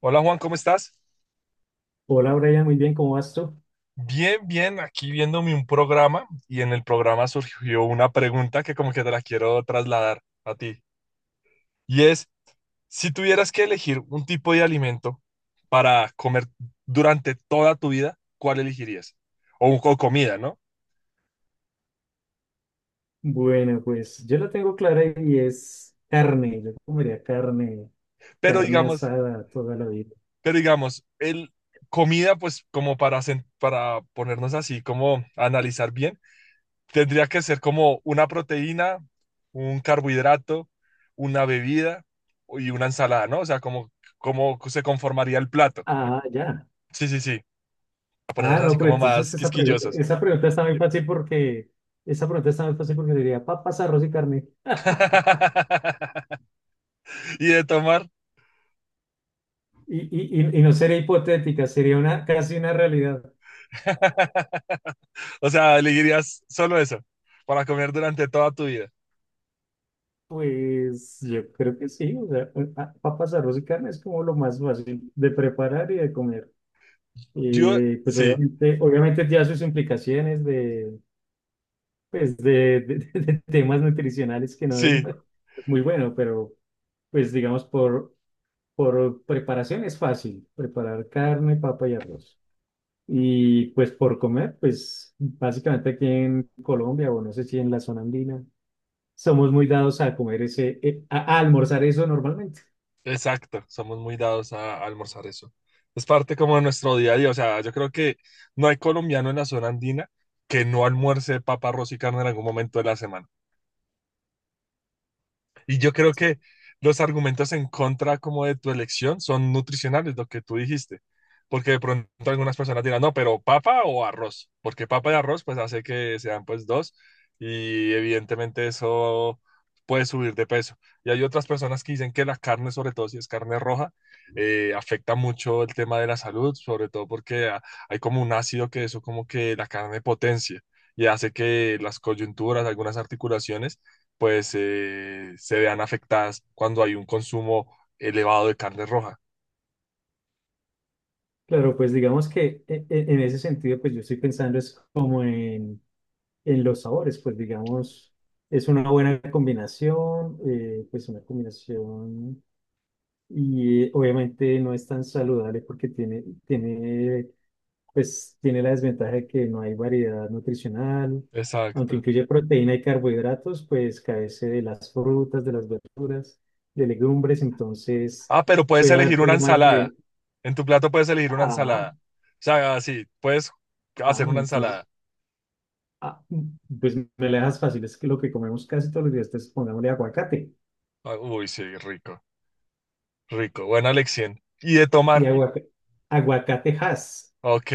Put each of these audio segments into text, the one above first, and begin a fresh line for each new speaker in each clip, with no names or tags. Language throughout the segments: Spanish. Hola Juan, ¿cómo estás?
Hola Brian, muy bien, ¿cómo vas tú?
Bien, bien, aquí viéndome un programa y en el programa surgió una pregunta que como que te la quiero trasladar a ti. Y es, si tuvieras que elegir un tipo de alimento para comer durante toda tu vida, ¿cuál elegirías? O, o comida, ¿no?
Bueno, pues yo la tengo clara y es carne. Yo comería carne,
Pero
carne
digamos,
asada toda la vida.
pero digamos, el comida pues como para, para ponernos así, como analizar bien. Tendría que ser como una proteína, un carbohidrato, una bebida y una ensalada, ¿no? O sea, como cómo se conformaría el plato.
Ah, ya.
Sí, sí, sí. A ponernos
Ah,
así
no, pero
como
entonces
más
esa pregunta,
quisquillosos.
esa pregunta está muy fácil porque diría papas, arroz y carne.
Y de tomar.
Y no sería hipotética, sería una casi una realidad.
O sea, elegirías solo eso para comer durante toda tu vida.
Pues yo creo que sí, o sea, papas, arroz y carne es como lo más fácil de preparar y de comer.
Yo,
Y pues
sí,
obviamente ya sus implicaciones de de temas nutricionales que no,
sí.
no es muy bueno, pero pues digamos por preparación es fácil, preparar carne, papa y arroz. Y pues por comer, pues básicamente aquí en Colombia o no sé si en la zona andina, somos muy dados a comer ese, a almorzar eso normalmente.
Exacto, somos muy dados a almorzar eso. Es parte como de nuestro día a día. O sea, yo creo que no hay colombiano en la zona andina que no almuerce papa, arroz y carne en algún momento de la semana. Y yo creo que los argumentos en contra como de tu elección son nutricionales, lo que tú dijiste. Porque de pronto algunas personas dirán, no, pero papa o arroz, porque papa y arroz pues hace que sean pues dos y evidentemente eso puede subir de peso. Y hay otras personas que dicen que la carne, sobre todo si es carne roja, afecta mucho el tema de la salud, sobre todo porque hay como un ácido que eso como que la carne potencia y hace que las coyunturas, algunas articulaciones pues se vean afectadas cuando hay un consumo elevado de carne roja.
Claro, pues digamos que en ese sentido, pues yo estoy pensando es como en los sabores, pues digamos, es una buena combinación, pues una combinación y obviamente no es tan saludable porque pues tiene la desventaja de que no hay variedad nutricional, aunque
Exacto.
incluye proteína y carbohidratos, pues carece de las frutas, de las verduras, de legumbres, entonces
Ah, pero puedes
puede haber
elegir una
problemas
ensalada.
de,
En tu plato puedes elegir una
ah,
ensalada. O sea, así, puedes hacer
no,
una
entonces,
ensalada.
ah, pues me la dejas fácil, es que lo que comemos casi todos los días, entonces pongámosle aguacate.
Ah, uy, sí, rico, rico. Buena elección. ¿Y de
Y
tomar?
aguacatejas,
Ok,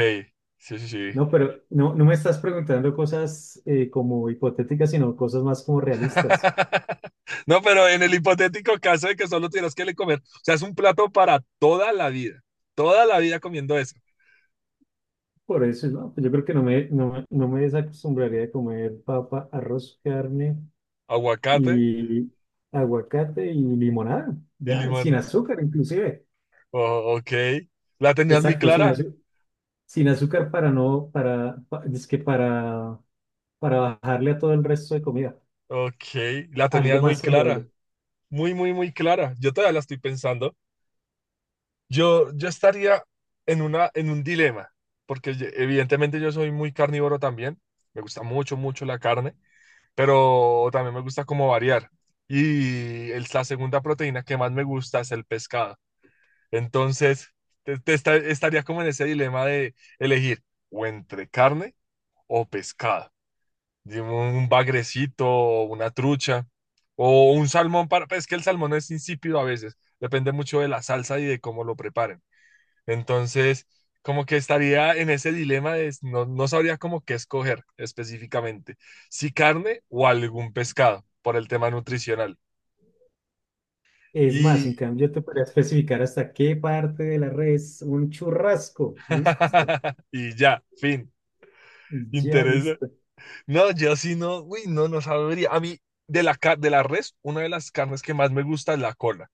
sí, sí, sí.
¿no? Pero no, no me estás preguntando cosas como hipotéticas, sino cosas más como realistas.
No, pero en el hipotético caso de que solo tienes que le comer, o sea, es un plato para toda la vida. Toda la vida comiendo eso.
Por eso, ¿no? Pues yo creo que no me desacostumbraría de comer papa, arroz, carne
Aguacate
y aguacate y limonada,
y
ya,
limón,
sin
¿no?
azúcar inclusive.
Oh, ok. La tenías muy
Exacto, sin
clara.
azúcar. Sin azúcar para no, para, pa- es que para bajarle a todo el resto de comida.
Ok, la
Algo
tenías
más
muy
saludable.
clara. Muy, muy, muy clara. Yo todavía la estoy pensando. Yo estaría en una, en un dilema, porque evidentemente yo soy muy carnívoro también. Me gusta mucho, mucho la carne, pero también me gusta como variar. Y la segunda proteína que más me gusta es el pescado. Entonces, estaría como en ese dilema de elegir o entre carne o pescado. De un bagrecito, o una trucha o un salmón para... Pues, es que el salmón es insípido a veces, depende mucho de la salsa y de cómo lo preparen. Entonces, como que estaría en ese dilema de no, no sabría como qué escoger específicamente, si carne o algún pescado por el tema nutricional.
Es más, en
Y,
cambio, te podría especificar hasta qué parte de la red es un churrasco. Listo.
y ya, fin.
Ya,
Interesa.
listo.
No, yo sí no, uy, no, no sabría. A mí, de la, de la res, una de las carnes que más me gusta es la cola.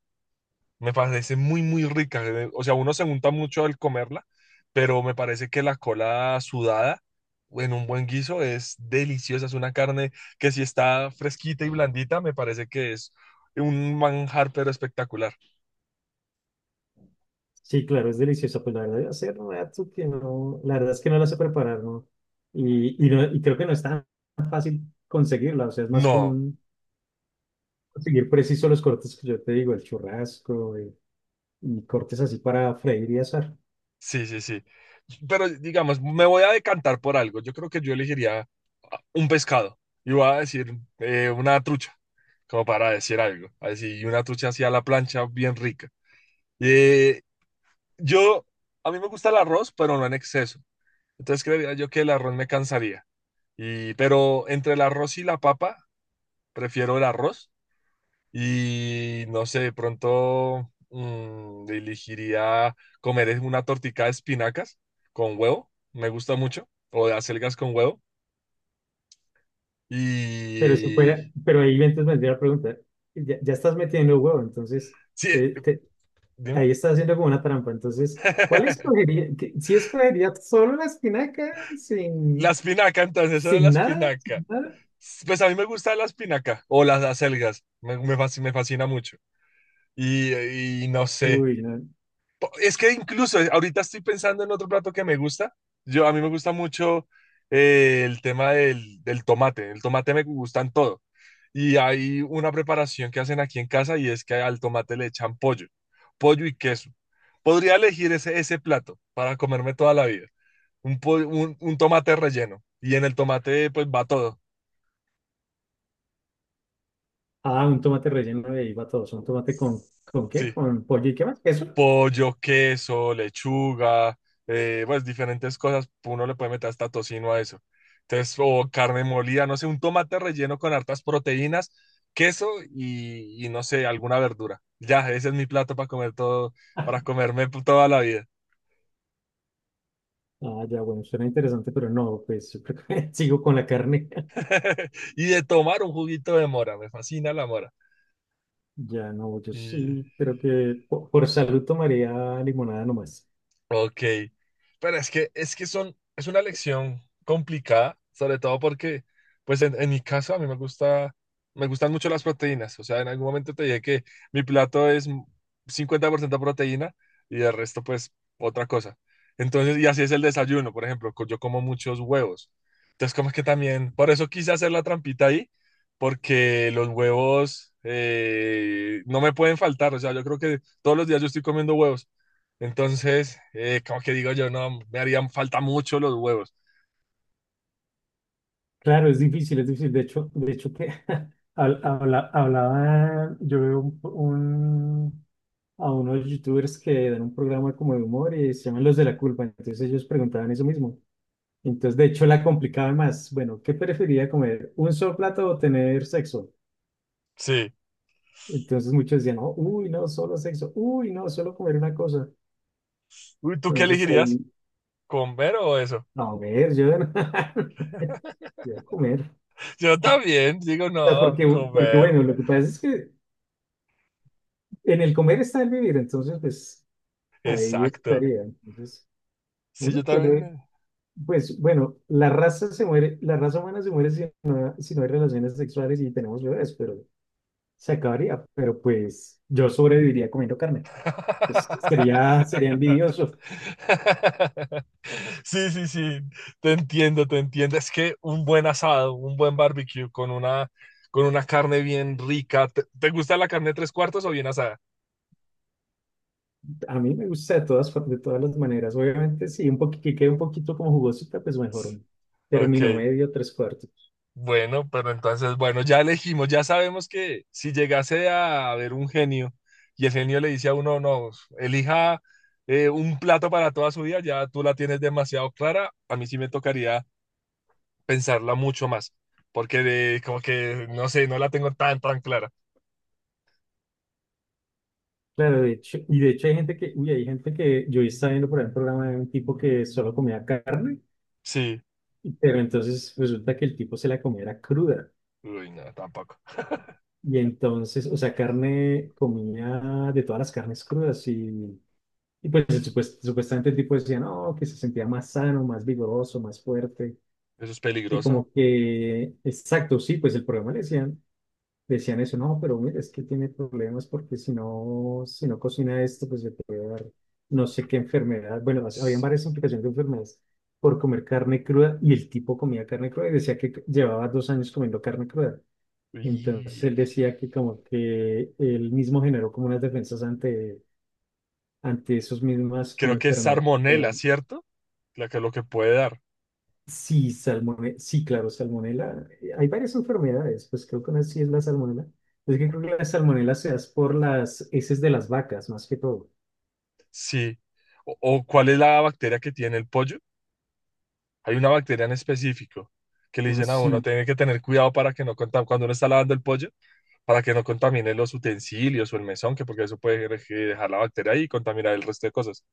Me parece muy, muy rica. O sea, uno se unta mucho al comerla, pero me parece que la cola sudada en un buen guiso es deliciosa. Es una carne que si está fresquita y blandita, me parece que es un manjar, pero espectacular.
Sí, claro, es delicioso. Pues la verdad, yo hace rato que no. La verdad es que no la sé preparar, ¿no? Y no, creo que no es tan fácil conseguirla. O sea, es más
No,
común conseguir preciso los cortes que yo te digo, el churrasco y, cortes así para freír y asar.
sí, sí, sí. Pero digamos, me voy a decantar por algo. Yo creo que yo elegiría un pescado. Y voy a decir una trucha, como para decir algo. Así, una trucha así a la plancha, bien rica. Eh, Yo, a mí me gusta el arroz, pero no en exceso. Entonces creería yo que el arroz me cansaría. Y, pero entre el arroz y la papa, prefiero el arroz. Y no sé, de pronto elegiría comer una tortica de espinacas con huevo. Me gusta mucho. O de acelgas con huevo.
Pero si
Y...
fuera, pero ahí entonces vendría la pregunta. Ya, ya estás metiendo huevo, entonces.
Sí,
te, te- Ahí
dime.
está haciendo como una trampa. Entonces, ¿cuál escogería? ¿Si escogería solo la espinaca
La
sin,
espinaca, entonces, eso era la
sin nada?
espinaca.
¿Sin nada?
Pues a mí me gusta la espinaca o las acelgas. Me, me fascina mucho. Y no sé.
Uy, no.
Es que incluso ahorita estoy pensando en otro plato que me gusta. Yo, a mí me gusta mucho el tema del, del tomate. El tomate me gusta en todo. Y hay una preparación que hacen aquí en casa y es que al tomate le echan pollo, pollo y queso. Podría elegir ese, ese plato para comerme toda la vida. Un, un tomate relleno. Y en el tomate pues va todo.
Ah, un tomate relleno de ahí va todo. ¿Un tomate con qué?
Sí.
¿Con pollo y qué más? ¿Eso?
Pollo, queso, lechuga, pues diferentes cosas, uno le puede meter hasta tocino a eso. Entonces, o carne molida, no sé, un tomate relleno con hartas proteínas, queso y no sé, alguna verdura. Ya, ese es mi plato para comer todo, para comerme toda la vida.
Ah, ya, bueno, suena interesante, pero no, pues yo creo que sigo con la carne.
Y de tomar un juguito de mora, me fascina la mora.
Ya no, yo
Y
sí creo que por salud tomaría limonada nomás.
ok, pero es que son, es una lección complicada, sobre todo porque, pues en mi caso a mí me gusta, me gustan mucho las proteínas, o sea, en algún momento te dije que mi plato es 50% proteína y el resto pues otra cosa. Entonces, y así es el desayuno, por ejemplo, yo como muchos huevos. Entonces, como es que también, por eso quise hacer la trampita ahí, porque los huevos no me pueden faltar, o sea, yo creo que todos los días yo estoy comiendo huevos. Entonces, como que digo yo, no, me harían falta mucho los huevos.
Claro, es difícil, es difícil. De hecho que hablaba, yo veo a unos youtubers que dan un programa como de humor y se llaman Los de la Culpa. Entonces ellos preguntaban eso mismo. Entonces, de hecho, la complicaban más. Bueno, ¿qué preferiría comer? ¿Un solo plato o tener sexo?
Sí.
Entonces muchos decían, no, uy, no, solo sexo. Uy, no, solo comer una cosa.
Uy, ¿tú qué
Entonces ahí,
elegirías? ¿Comer o eso?
no, a ver, yo, yo comer.
Yo también digo,
O sea,
no,
porque
comer.
bueno, lo que pasa es que en el comer está el vivir, entonces pues ahí
Exacto.
estaría. Entonces,
Sí,
uno
yo también.
puede, pues bueno, la raza se muere, la raza humana se muere si no hay relaciones sexuales y tenemos bebés, pero se acabaría. Pero pues yo sobreviviría comiendo carne. Pues sería envidioso.
Sí, sí, sí. Te entiendo, te entiendo. Es que un buen asado, un buen barbecue con una carne bien rica. ¿Te, te gusta la carne tres cuartos o bien asada?
A mí me gusta de todas las maneras. Obviamente, si un poquito, que quede un poquito como jugosita, pues mejor. Un término
Ok.
medio, tres cuartos.
Bueno, pero entonces, bueno, ya elegimos, ya sabemos que si llegase a haber un genio y el genio le dice a uno, no, elija un plato para toda su vida, ya tú la tienes demasiado clara, a mí sí me tocaría pensarla mucho más, porque como que, no sé, no la tengo tan, tan clara.
Claro, y de hecho hay gente que, uy, hay gente que yo estaba viendo por ahí un programa de un tipo que solo comía carne.
Sí,
Pero entonces resulta que el tipo se la comía era cruda.
uy, no, tampoco.
Y entonces, o sea, carne, comía de todas las carnes crudas. Y pues supuestamente el tipo decía, no, que se sentía más sano, más vigoroso, más fuerte.
Eso es
Y
peligroso.
como que, exacto, sí, pues el problema le decían eso, no, pero mira, es que tiene problemas porque si no cocina esto, pues le puede dar no sé qué enfermedad. Bueno, habían varias implicaciones de enfermedades por comer carne cruda y el tipo comía carne cruda y decía que llevaba 2 años comiendo carne cruda. Entonces él
Y
decía que como que él mismo generó como unas defensas ante, esas mismas como
creo que es
enfermedades.
salmonela, ¿cierto? La que lo que puede dar.
Sí, sí, claro, salmonela. Hay varias enfermedades, pues creo que una sí es la salmonela. Es que creo que la salmonela se da por las heces de las vacas, más que todo.
Sí. ¿O o, cuál es la bacteria que tiene el pollo? Hay una bacteria en específico que le
Ah,
dicen a uno,
sí,
tiene que tener cuidado para que no contamine, cuando uno está lavando el pollo, para que no contamine los utensilios o el mesón, que porque eso puede dejar la bacteria ahí y contaminar el resto de cosas.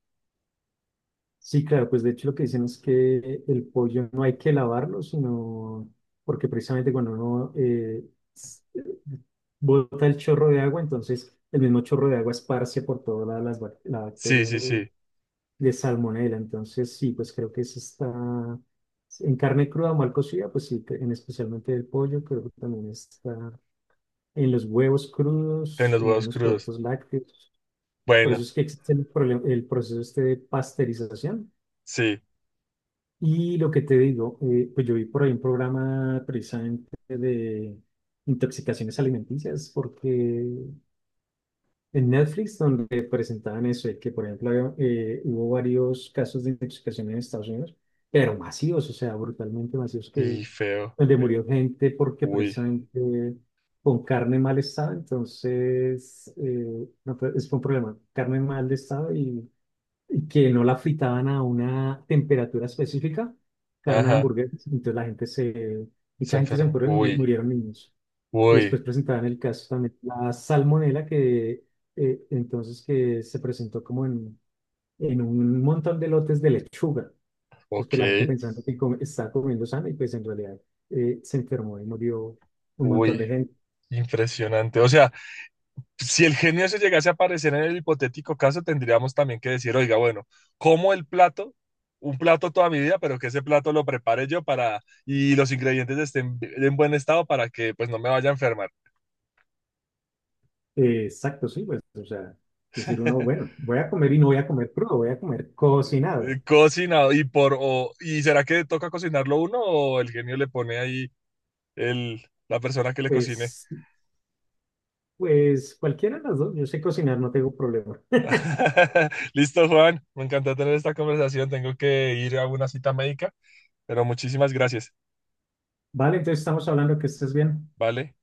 sí, claro, pues de hecho lo que dicen es que el pollo no hay que lavarlo, sino porque precisamente cuando uno s- bota el chorro de agua, entonces el mismo chorro de agua esparce por toda la
Sí,
bacteria
sí, sí,
de salmonela. Entonces, sí, pues creo que eso está en carne cruda o mal cocida, pues sí, en especialmente el pollo, creo que también está en los huevos
en
crudos,
los
en
huevos
algunos
crudos.
productos lácteos. Por eso
Bueno,
es que existe el proceso este de pasteurización.
sí,
Y lo que te digo, pues yo vi por ahí un programa precisamente de intoxicaciones alimenticias, porque en Netflix donde presentaban eso, de que por ejemplo había, hubo varios casos de intoxicación en Estados Unidos, pero masivos, o sea, brutalmente masivos, que,
y feo.
donde murió gente porque
Uy,
precisamente con carne en mal estado, entonces no, fue- es fue un problema, carne en mal estado y, que no la fritaban a una temperatura específica, carne de
ajá,
hamburguesas, entonces
se
mucha gente se
enfermó.
murió,
Uy,
murieron niños. Y
uy,
después presentaban el caso también, de la salmonela, que entonces que se presentó como en un montón de lotes de lechuga. Después
ok,
la gente pensando que estaba comiendo sano y pues en realidad se enfermó y murió un montón
uy,
de gente.
impresionante. O sea, si el genio se llegase a aparecer en el hipotético caso, tendríamos también que decir, oiga, bueno, como el plato, un plato toda mi vida, pero que ese plato lo prepare yo para y los ingredientes estén en buen estado para que pues no me vaya a enfermar.
Exacto, sí, pues, o sea, decir uno, bueno, voy a comer y no voy a comer crudo, voy a comer cocinado.
Cocinado y por y será que toca cocinarlo uno o el genio le pone ahí el la persona que le cocine.
Pues, pues cualquiera de las dos, yo sé cocinar, no tengo problema.
Listo, Juan, me encantó tener esta conversación, tengo que ir a una cita médica, pero muchísimas gracias,
Vale, entonces estamos hablando que estés bien.
¿vale?